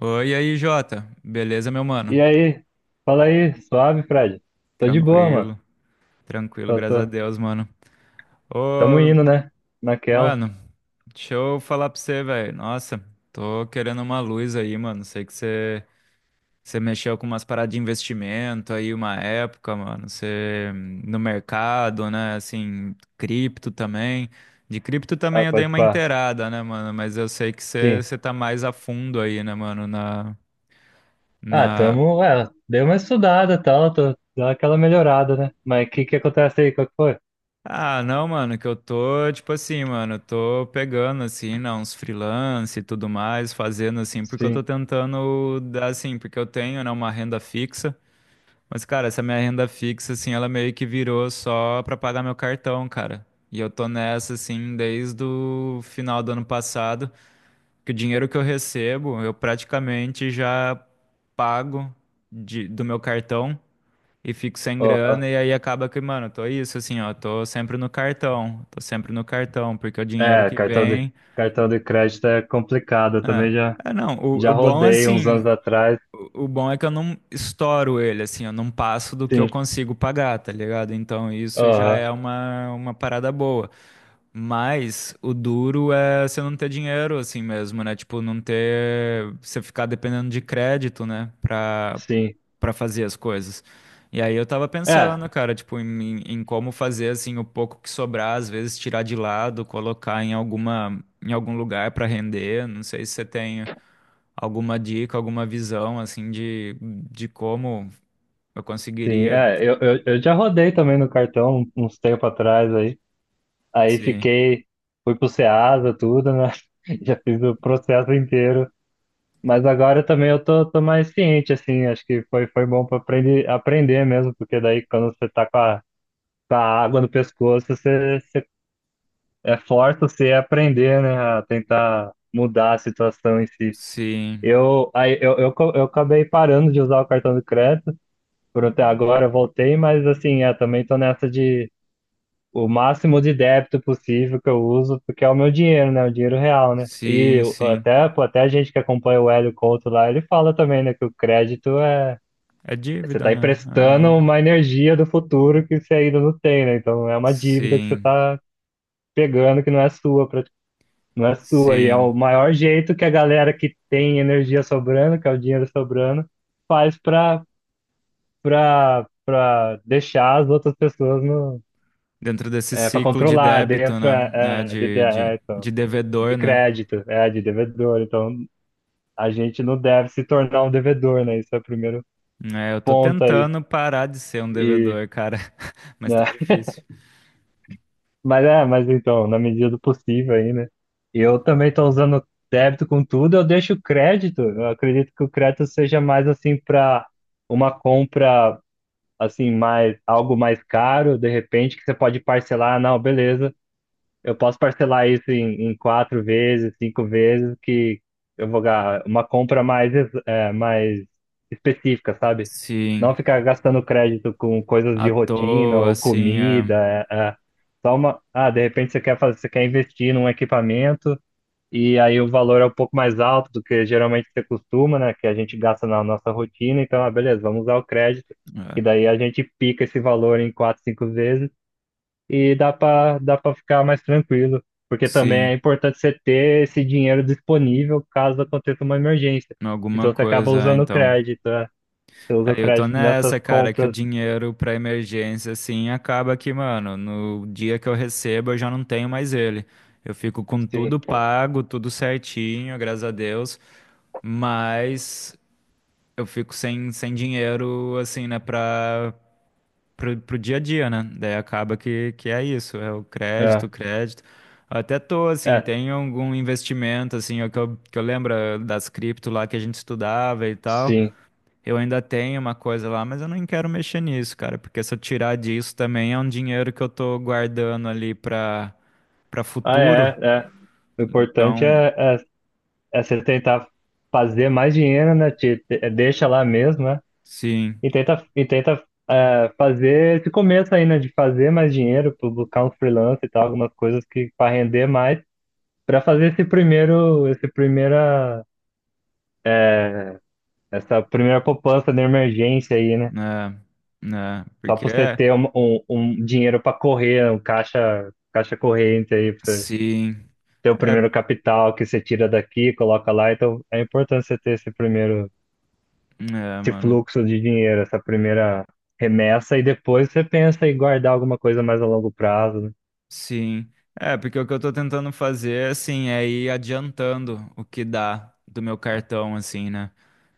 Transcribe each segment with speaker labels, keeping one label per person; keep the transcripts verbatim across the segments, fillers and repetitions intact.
Speaker 1: Oi, e aí, Jota. Beleza, meu mano?
Speaker 2: E aí? Fala aí, suave, Fred? Tô de boa, mano.
Speaker 1: Tranquilo, tranquilo,
Speaker 2: Tô,
Speaker 1: graças a
Speaker 2: tô.
Speaker 1: Deus, mano.
Speaker 2: Tamo
Speaker 1: Ô,
Speaker 2: indo, né? Naquela.
Speaker 1: mano, deixa eu falar pra você, velho. Nossa, tô querendo uma luz aí, mano. Sei que você você mexeu com umas paradas de investimento aí uma época, mano. Você no mercado, né? Assim, cripto também. De cripto
Speaker 2: Ah,
Speaker 1: também eu dei
Speaker 2: pode
Speaker 1: uma
Speaker 2: pá.
Speaker 1: inteirada, né, mano? Mas eu sei que você
Speaker 2: Sim.
Speaker 1: você tá mais a fundo aí, né, mano, na.
Speaker 2: Ah,
Speaker 1: na,
Speaker 2: tamo. É, dei uma estudada e tal, tô, deu aquela melhorada, né? Mas o que que acontece aí? Qual que foi?
Speaker 1: Ah, não, mano, que eu tô, tipo assim, mano, eu tô pegando, assim, né, uns freelance e tudo mais, fazendo, assim, porque eu tô
Speaker 2: Sim.
Speaker 1: tentando dar, assim, porque eu tenho, né, uma renda fixa, mas, cara, essa minha renda fixa, assim, ela meio que virou só pra pagar meu cartão, cara. E eu tô nessa, assim, desde o final do ano passado, que o dinheiro que eu recebo, eu praticamente já pago de- do meu cartão e fico sem
Speaker 2: Aham.
Speaker 1: grana, e aí acaba que, mano, eu tô isso, assim, ó, tô sempre no cartão, tô sempre no cartão, porque é o dinheiro
Speaker 2: É,
Speaker 1: que
Speaker 2: cartão de,
Speaker 1: vem.
Speaker 2: cartão de crédito é complicado. Eu
Speaker 1: É,
Speaker 2: também já,
Speaker 1: é não, o,
Speaker 2: já
Speaker 1: o bom é
Speaker 2: rodei uns
Speaker 1: assim,
Speaker 2: anos atrás.
Speaker 1: o, o bom é que eu não estouro ele, assim, eu não passo do que eu
Speaker 2: Sim.
Speaker 1: consigo pagar, tá ligado? Então isso já
Speaker 2: Aham.
Speaker 1: é uma, uma parada boa. Mas o duro é você não ter dinheiro assim mesmo, né? Tipo, não ter. Você ficar dependendo de crédito, né? Pra,
Speaker 2: Sim.
Speaker 1: para fazer as coisas. E aí eu tava
Speaker 2: É,
Speaker 1: pensando, cara, tipo, em, em como fazer assim o pouco que sobrar, às vezes tirar de lado, colocar em alguma em algum lugar para render. Não sei se você tem alguma dica, alguma visão assim de, de como eu
Speaker 2: sim.
Speaker 1: conseguiria
Speaker 2: É, eu, eu, eu já rodei também no cartão uns tempos atrás aí. Aí
Speaker 1: se
Speaker 2: fiquei, fui pro Ceasa, tudo, né? Já fiz o processo inteiro. Mas agora também eu tô, tô mais ciente, assim, acho que foi, foi bom para aprender, aprender mesmo, porque daí quando você tá com a, com a água no pescoço, você, você é forte você a aprender, né? A tentar mudar a situação em si.
Speaker 1: sim,
Speaker 2: Eu, aí, eu, eu, co- eu acabei parando de usar o cartão de crédito por até agora, eu voltei, mas assim, é, também tô nessa de o máximo de débito possível que eu uso, porque é o meu dinheiro, né? O dinheiro real, né? E
Speaker 1: sim,
Speaker 2: eu-
Speaker 1: sim.
Speaker 2: até, pô, até a gente que acompanha o Hélio Couto lá, ele fala também, né, que o crédito é.
Speaker 1: É
Speaker 2: Você
Speaker 1: dívida,
Speaker 2: está
Speaker 1: né?
Speaker 2: emprestando
Speaker 1: É.
Speaker 2: uma energia do futuro que você ainda não tem, né? Então é uma dívida que você
Speaker 1: Sim,
Speaker 2: está pegando que não é sua, pra- não é sua. E é
Speaker 1: sim.
Speaker 2: o maior jeito que a galera que tem energia sobrando, que é o dinheiro sobrando, faz para para para deixar as outras pessoas no,
Speaker 1: Dentro desse
Speaker 2: é, para
Speaker 1: ciclo de
Speaker 2: controlar
Speaker 1: débito,
Speaker 2: dentro
Speaker 1: né? É,
Speaker 2: é, é, de- de-
Speaker 1: de, de,
Speaker 2: é, então.
Speaker 1: de
Speaker 2: de
Speaker 1: devedor, né?
Speaker 2: crédito, é, de devedor. Então, a gente não deve se tornar um devedor, né? Isso é o primeiro
Speaker 1: É, eu tô
Speaker 2: ponto aí.
Speaker 1: tentando parar de ser um
Speaker 2: E,
Speaker 1: devedor, cara, mas
Speaker 2: né?
Speaker 1: tá difícil.
Speaker 2: Mas é, mas então, na medida do possível aí, né? Eu também estou usando débito com tudo, eu deixo o crédito. Eu acredito que o crédito seja mais assim para uma compra assim mais algo mais caro, de repente que você pode parcelar, "Ah, não, beleza. Eu posso parcelar isso em, em quatro vezes, cinco vezes, que eu vou ganhar uma compra mais, ex- é, mais específica, sabe?
Speaker 1: Sim,
Speaker 2: Não ficar gastando crédito com coisas
Speaker 1: à
Speaker 2: de rotina
Speaker 1: toa,
Speaker 2: ou
Speaker 1: assim, é,
Speaker 2: comida. É, é. Só uma. Ah, de repente você quer fazer, você quer investir num equipamento e aí o valor é um pouco mais alto do que geralmente você costuma, né? Que a gente gasta na nossa rotina. Então, ah, beleza, vamos usar o crédito.
Speaker 1: é,
Speaker 2: E daí a gente pica esse valor em quatro, cinco vezes e dá para dá para ficar mais tranquilo, porque também é
Speaker 1: sim,
Speaker 2: importante você ter esse dinheiro disponível caso aconteça uma emergência.
Speaker 1: alguma
Speaker 2: Então você acaba
Speaker 1: coisa,
Speaker 2: usando o
Speaker 1: então.
Speaker 2: crédito, é. Você usa o
Speaker 1: Aí eu tô
Speaker 2: crédito nessas
Speaker 1: nessa, cara, que o
Speaker 2: compras.
Speaker 1: dinheiro pra emergência, assim, acaba que, mano, no dia que eu recebo eu já não tenho mais ele. Eu fico com
Speaker 2: Sim,
Speaker 1: tudo pago, tudo certinho, graças a Deus, mas eu fico sem, sem dinheiro, assim, né, pra pro, pro dia a dia, né? Daí acaba que, que é isso, é o crédito,
Speaker 2: é,
Speaker 1: o crédito. Até tô, assim,
Speaker 2: é,
Speaker 1: tem algum investimento, assim, é o que eu, que eu lembro eh, das cripto lá que a gente estudava e tal.
Speaker 2: sim.
Speaker 1: Eu ainda tenho uma coisa lá, mas eu não quero mexer nisso, cara, porque se eu tirar disso também é um dinheiro que eu tô guardando ali pra, pra
Speaker 2: Ah,
Speaker 1: futuro.
Speaker 2: é, é. O importante
Speaker 1: Então,
Speaker 2: é, é, é você tentar fazer mais dinheiro, né? Te, te- é, deixa lá mesmo, né?
Speaker 1: sim,
Speaker 2: E tenta, e tenta é, fazer esse começo aí, né? De fazer mais dinheiro, pu- buscar um freelance e tal, algumas coisas que para render mais. Para fazer esse primeiro, esse primeira, essa primeira poupança de emergência aí, né?
Speaker 1: né, né,
Speaker 2: Só
Speaker 1: porque
Speaker 2: para você
Speaker 1: é,
Speaker 2: ter um, um, um dinheiro para correr, um caixa, caixa corrente aí, para você
Speaker 1: sim,
Speaker 2: ter o
Speaker 1: é,
Speaker 2: primeiro capital que você tira daqui, coloca lá. Então é importante você ter esse primeiro,
Speaker 1: é,
Speaker 2: esse
Speaker 1: mano.
Speaker 2: fluxo de dinheiro, essa primeira remessa, e depois você pensa em guardar alguma coisa mais a longo prazo, né?
Speaker 1: Sim. É, porque o que eu tô tentando fazer, assim, é ir adiantando o que dá do meu cartão, assim, né?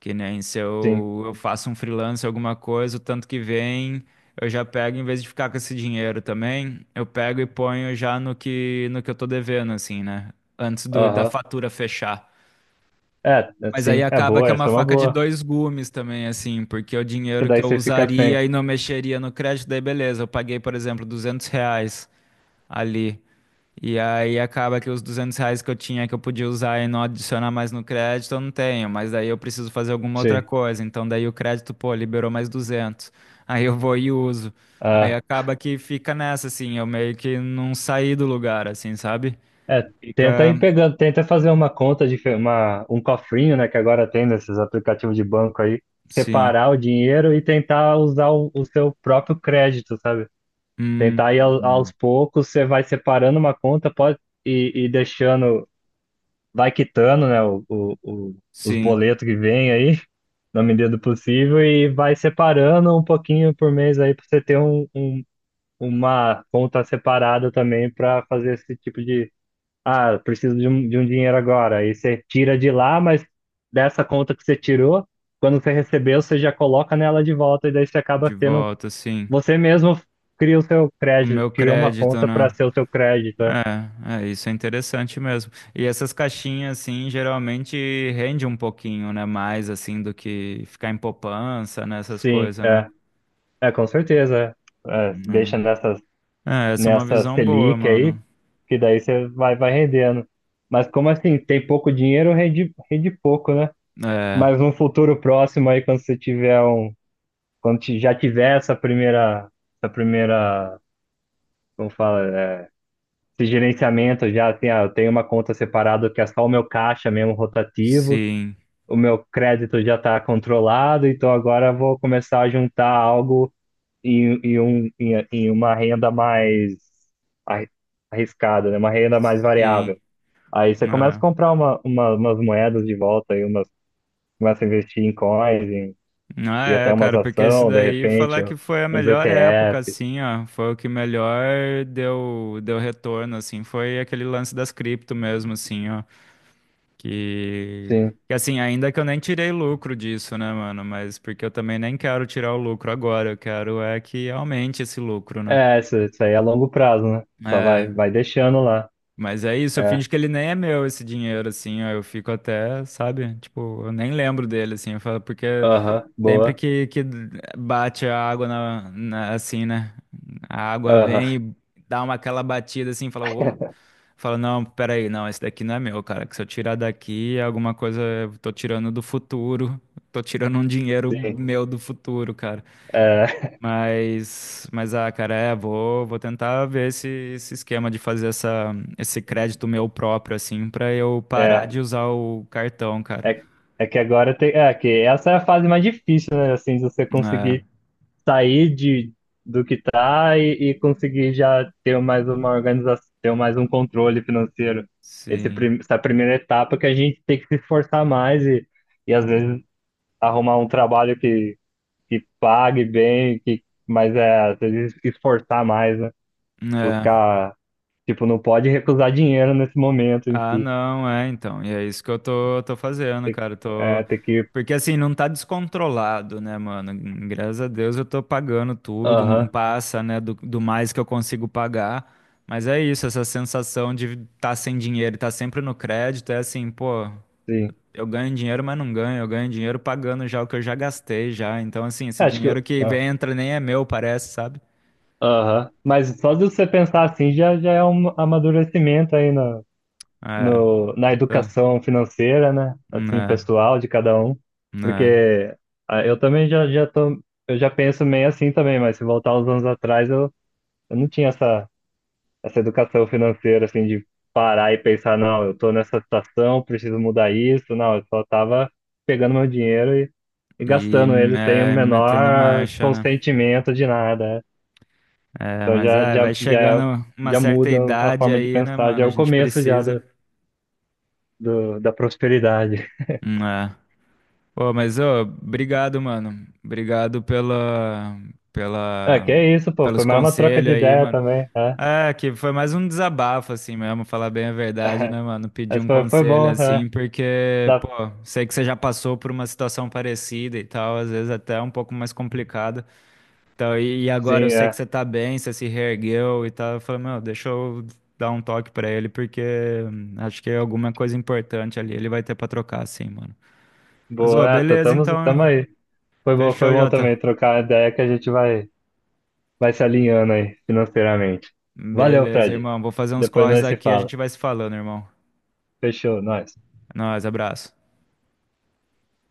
Speaker 1: Que nem se
Speaker 2: Sim.
Speaker 1: eu, eu faço um freelance, alguma coisa, o tanto que vem, eu já pego, em vez de ficar com esse dinheiro também, eu pego e ponho já no que, no que eu tô devendo, assim, né? Antes do, da
Speaker 2: Aham.
Speaker 1: fatura fechar.
Speaker 2: É,
Speaker 1: Mas aí
Speaker 2: sim, é
Speaker 1: acaba que
Speaker 2: boa,
Speaker 1: é uma
Speaker 2: essa é uma
Speaker 1: faca de
Speaker 2: boa.
Speaker 1: dois gumes também, assim, porque o
Speaker 2: Que
Speaker 1: dinheiro que
Speaker 2: daí
Speaker 1: eu
Speaker 2: você fica sem.
Speaker 1: usaria e não mexeria no crédito, daí beleza, eu paguei, por exemplo, duzentos reais ali. E aí acaba que os duzentos reais que eu tinha que eu podia usar e não adicionar mais no crédito, eu não tenho, mas daí eu preciso fazer alguma outra
Speaker 2: Sim.
Speaker 1: coisa. Então daí o crédito, pô, liberou mais duzentos. Aí eu vou e uso. Aí
Speaker 2: Ah,
Speaker 1: acaba que fica nessa, assim, eu meio que não saí do lugar, assim, sabe?
Speaker 2: é, tenta
Speaker 1: Fica,
Speaker 2: ir pegando, tenta fazer uma conta de uma, um cofrinho, né, que agora tem nesses aplicativos de banco aí,
Speaker 1: sim.
Speaker 2: separar o dinheiro e tentar usar o, o seu próprio crédito, sabe?
Speaker 1: Hum,
Speaker 2: Tentar ir ao- aos poucos, você vai separando uma conta, pode e, e deixando, vai quitando, né, o, o, o- os
Speaker 1: sim,
Speaker 2: boletos que vem aí, na medida do possível, e vai separando um pouquinho por mês aí para você ter um, um- uma conta separada também para fazer esse tipo ah, preciso de um, de um dinheiro agora. Aí você tira de lá, mas dessa conta que você tirou, quando você recebeu, você já coloca nela de volta e daí você
Speaker 1: de
Speaker 2: acaba tendo.
Speaker 1: volta, sim.
Speaker 2: Você mesmo cria o seu
Speaker 1: O
Speaker 2: crédito,
Speaker 1: meu
Speaker 2: cria uma
Speaker 1: crédito,
Speaker 2: conta para
Speaker 1: né?
Speaker 2: ser o seu crédito. É.
Speaker 1: É, é, isso é interessante mesmo. E essas caixinhas, assim, geralmente rende um pouquinho, né? Mais, assim, do que ficar em poupança, né? Essas
Speaker 2: Sim,
Speaker 1: coisas, né?
Speaker 2: é, é com certeza. É, deixa
Speaker 1: Hum.
Speaker 2: nessa,
Speaker 1: É, essa é uma
Speaker 2: nessa
Speaker 1: visão boa,
Speaker 2: Selic aí,
Speaker 1: mano.
Speaker 2: que daí você vai, vai rendendo. Mas como assim, tem pouco dinheiro, rende, rende pouco, né?
Speaker 1: É,
Speaker 2: Mas no futuro próximo aí, quando você tiver um quando ti- já tiver essa primeira, essa primeira, como fala, é, esse gerenciamento já, assim, ah, eu tenho uma conta separada que é só o meu caixa mesmo rotativo,
Speaker 1: sim,
Speaker 2: o meu crédito já está controlado, então agora eu vou começar a juntar algo em, em, um, em, em uma renda mais arri- arriscada, né? Uma renda mais
Speaker 1: sim.
Speaker 2: variável. Aí você começa a
Speaker 1: É.
Speaker 2: comprar uma, uma- umas moedas de volta, aí umas, começa a investir em coins em-
Speaker 1: Ah,
Speaker 2: e até
Speaker 1: é,
Speaker 2: umas
Speaker 1: cara, porque isso
Speaker 2: ações, de
Speaker 1: daí,
Speaker 2: repente,
Speaker 1: falar que foi a
Speaker 2: uns
Speaker 1: melhor época,
Speaker 2: E T F.
Speaker 1: assim, ó, foi o que melhor deu, deu retorno, assim, foi aquele lance das cripto mesmo, assim, ó. Que,
Speaker 2: Sim.
Speaker 1: que assim, ainda que eu nem tirei lucro disso, né, mano? Mas porque eu também nem quero tirar o lucro agora, eu quero é que aumente esse lucro, né?
Speaker 2: É, isso, isso aí é a longo prazo, né? Só vai,
Speaker 1: É,
Speaker 2: vai deixando lá.
Speaker 1: mas é isso, eu
Speaker 2: É,
Speaker 1: finjo que ele nem é meu esse dinheiro, assim, ó, eu fico até, sabe? Tipo, eu nem lembro dele, assim, eu falo, porque
Speaker 2: aham,
Speaker 1: sempre
Speaker 2: boa.
Speaker 1: que, que bate a água na, na- assim, né? A água
Speaker 2: Aham,
Speaker 1: vem e dá uma aquela batida assim, fala, uou. Fala, não, peraí, não, esse daqui não é meu, cara. Que se eu tirar daqui, é alguma coisa eu tô tirando do futuro. Tô tirando um dinheiro
Speaker 2: sim.
Speaker 1: meu do futuro, cara.
Speaker 2: É,
Speaker 1: Mas, mas ah, cara, é, vou, vou tentar ver esse, esse esquema de fazer essa, esse crédito meu próprio, assim, pra eu parar
Speaker 2: é,
Speaker 1: de usar o cartão, cara.
Speaker 2: é, é que agora tem. É, que essa é a fase mais difícil, né? Assim, de você
Speaker 1: É,
Speaker 2: conseguir sair de, do que tá e, e conseguir já ter mais uma organização, ter mais um controle financeiro. Esse,
Speaker 1: sim.
Speaker 2: prim- essa primeira etapa que a gente tem que se esforçar mais e, e às vezes arrumar um trabalho que, que pague bem, que, mas é, às vezes esforçar mais, né?
Speaker 1: É.
Speaker 2: Buscar, tipo, não pode recusar dinheiro nesse momento em
Speaker 1: Ah,
Speaker 2: si.
Speaker 1: não, é, então. E é isso que eu tô, tô fazendo,
Speaker 2: Tem que,
Speaker 1: cara. Eu tô...
Speaker 2: é, tem que,
Speaker 1: Porque assim, não tá descontrolado, né, mano? Graças a Deus eu tô pagando tudo, não
Speaker 2: aham,
Speaker 1: passa, né, do, do mais que eu consigo pagar. Mas é isso, essa sensação de tá sem dinheiro, e tá sempre no crédito, é assim, pô,
Speaker 2: sim.
Speaker 1: eu ganho dinheiro, mas não ganho. Eu ganho dinheiro pagando já o que eu já gastei já. Então, assim,
Speaker 2: É,
Speaker 1: esse
Speaker 2: acho que,
Speaker 1: dinheiro
Speaker 2: eu-
Speaker 1: que
Speaker 2: ah,
Speaker 1: vem, entra nem é meu, parece, sabe?
Speaker 2: aham. Mas só de você pensar assim já, já é um amadurecimento aí na,
Speaker 1: É,
Speaker 2: no, na
Speaker 1: tá,
Speaker 2: educação financeira, né? Assim,
Speaker 1: né,
Speaker 2: pessoal de cada um.
Speaker 1: né.
Speaker 2: Porque ah, eu também já, já tô, eu já penso meio assim também, mas se voltar uns anos atrás, eu, eu não tinha essa. essa educação financeira, assim, de parar e pensar, não, eu tô nessa situação, preciso mudar isso. Não, eu só tava pegando meu dinheiro e, e
Speaker 1: E
Speaker 2: gastando ele sem o
Speaker 1: é, metendo
Speaker 2: menor
Speaker 1: marcha, né?
Speaker 2: consentimento de nada. Né?
Speaker 1: É,
Speaker 2: Então
Speaker 1: mas
Speaker 2: já,
Speaker 1: é,
Speaker 2: já,
Speaker 1: vai
Speaker 2: já,
Speaker 1: chegando uma
Speaker 2: já
Speaker 1: certa
Speaker 2: muda a
Speaker 1: idade
Speaker 2: forma de
Speaker 1: aí, né,
Speaker 2: pensar, já
Speaker 1: mano?
Speaker 2: é
Speaker 1: A
Speaker 2: o
Speaker 1: gente
Speaker 2: começo já
Speaker 1: precisa.
Speaker 2: do, do- da prosperidade.
Speaker 1: Hum, É. Pô, mas ô, obrigado, mano. Obrigado pela,
Speaker 2: É,
Speaker 1: pela,
Speaker 2: que é isso, pô,
Speaker 1: pelos
Speaker 2: foi mais uma troca
Speaker 1: conselhos
Speaker 2: de
Speaker 1: aí,
Speaker 2: ideia
Speaker 1: mano.
Speaker 2: também, é.
Speaker 1: É, que foi mais um desabafo, assim mesmo, falar bem a verdade, né, mano? Pedir
Speaker 2: Mas
Speaker 1: um
Speaker 2: foi, foi
Speaker 1: conselho
Speaker 2: bom, é.
Speaker 1: assim, porque,
Speaker 2: Dá,
Speaker 1: pô, sei que você já passou por uma situação parecida e tal, às vezes até um pouco mais complicada. Então, e e agora eu
Speaker 2: sim,
Speaker 1: sei que
Speaker 2: é.
Speaker 1: você tá bem, você se reergueu e tá, eu falei, meu, deixa eu dar um toque pra ele, porque hum, acho que é alguma coisa importante ali, ele vai ter pra trocar, assim, mano. Mas, ô,
Speaker 2: Boa, é, tá-
Speaker 1: beleza,
Speaker 2: tamo,
Speaker 1: então,
Speaker 2: tamo aí. Foi bom, foi
Speaker 1: fechou,
Speaker 2: bom
Speaker 1: Jota.
Speaker 2: também trocar a ideia que a gente vai. Vai se alinhando aí financeiramente. Valeu,
Speaker 1: Beleza,
Speaker 2: Fred.
Speaker 1: irmão, vou fazer uns
Speaker 2: Depois
Speaker 1: corres
Speaker 2: nós se
Speaker 1: aqui, e a
Speaker 2: fala.
Speaker 1: gente vai se falando, irmão.
Speaker 2: Fechou, nós.
Speaker 1: É nóis, abraço.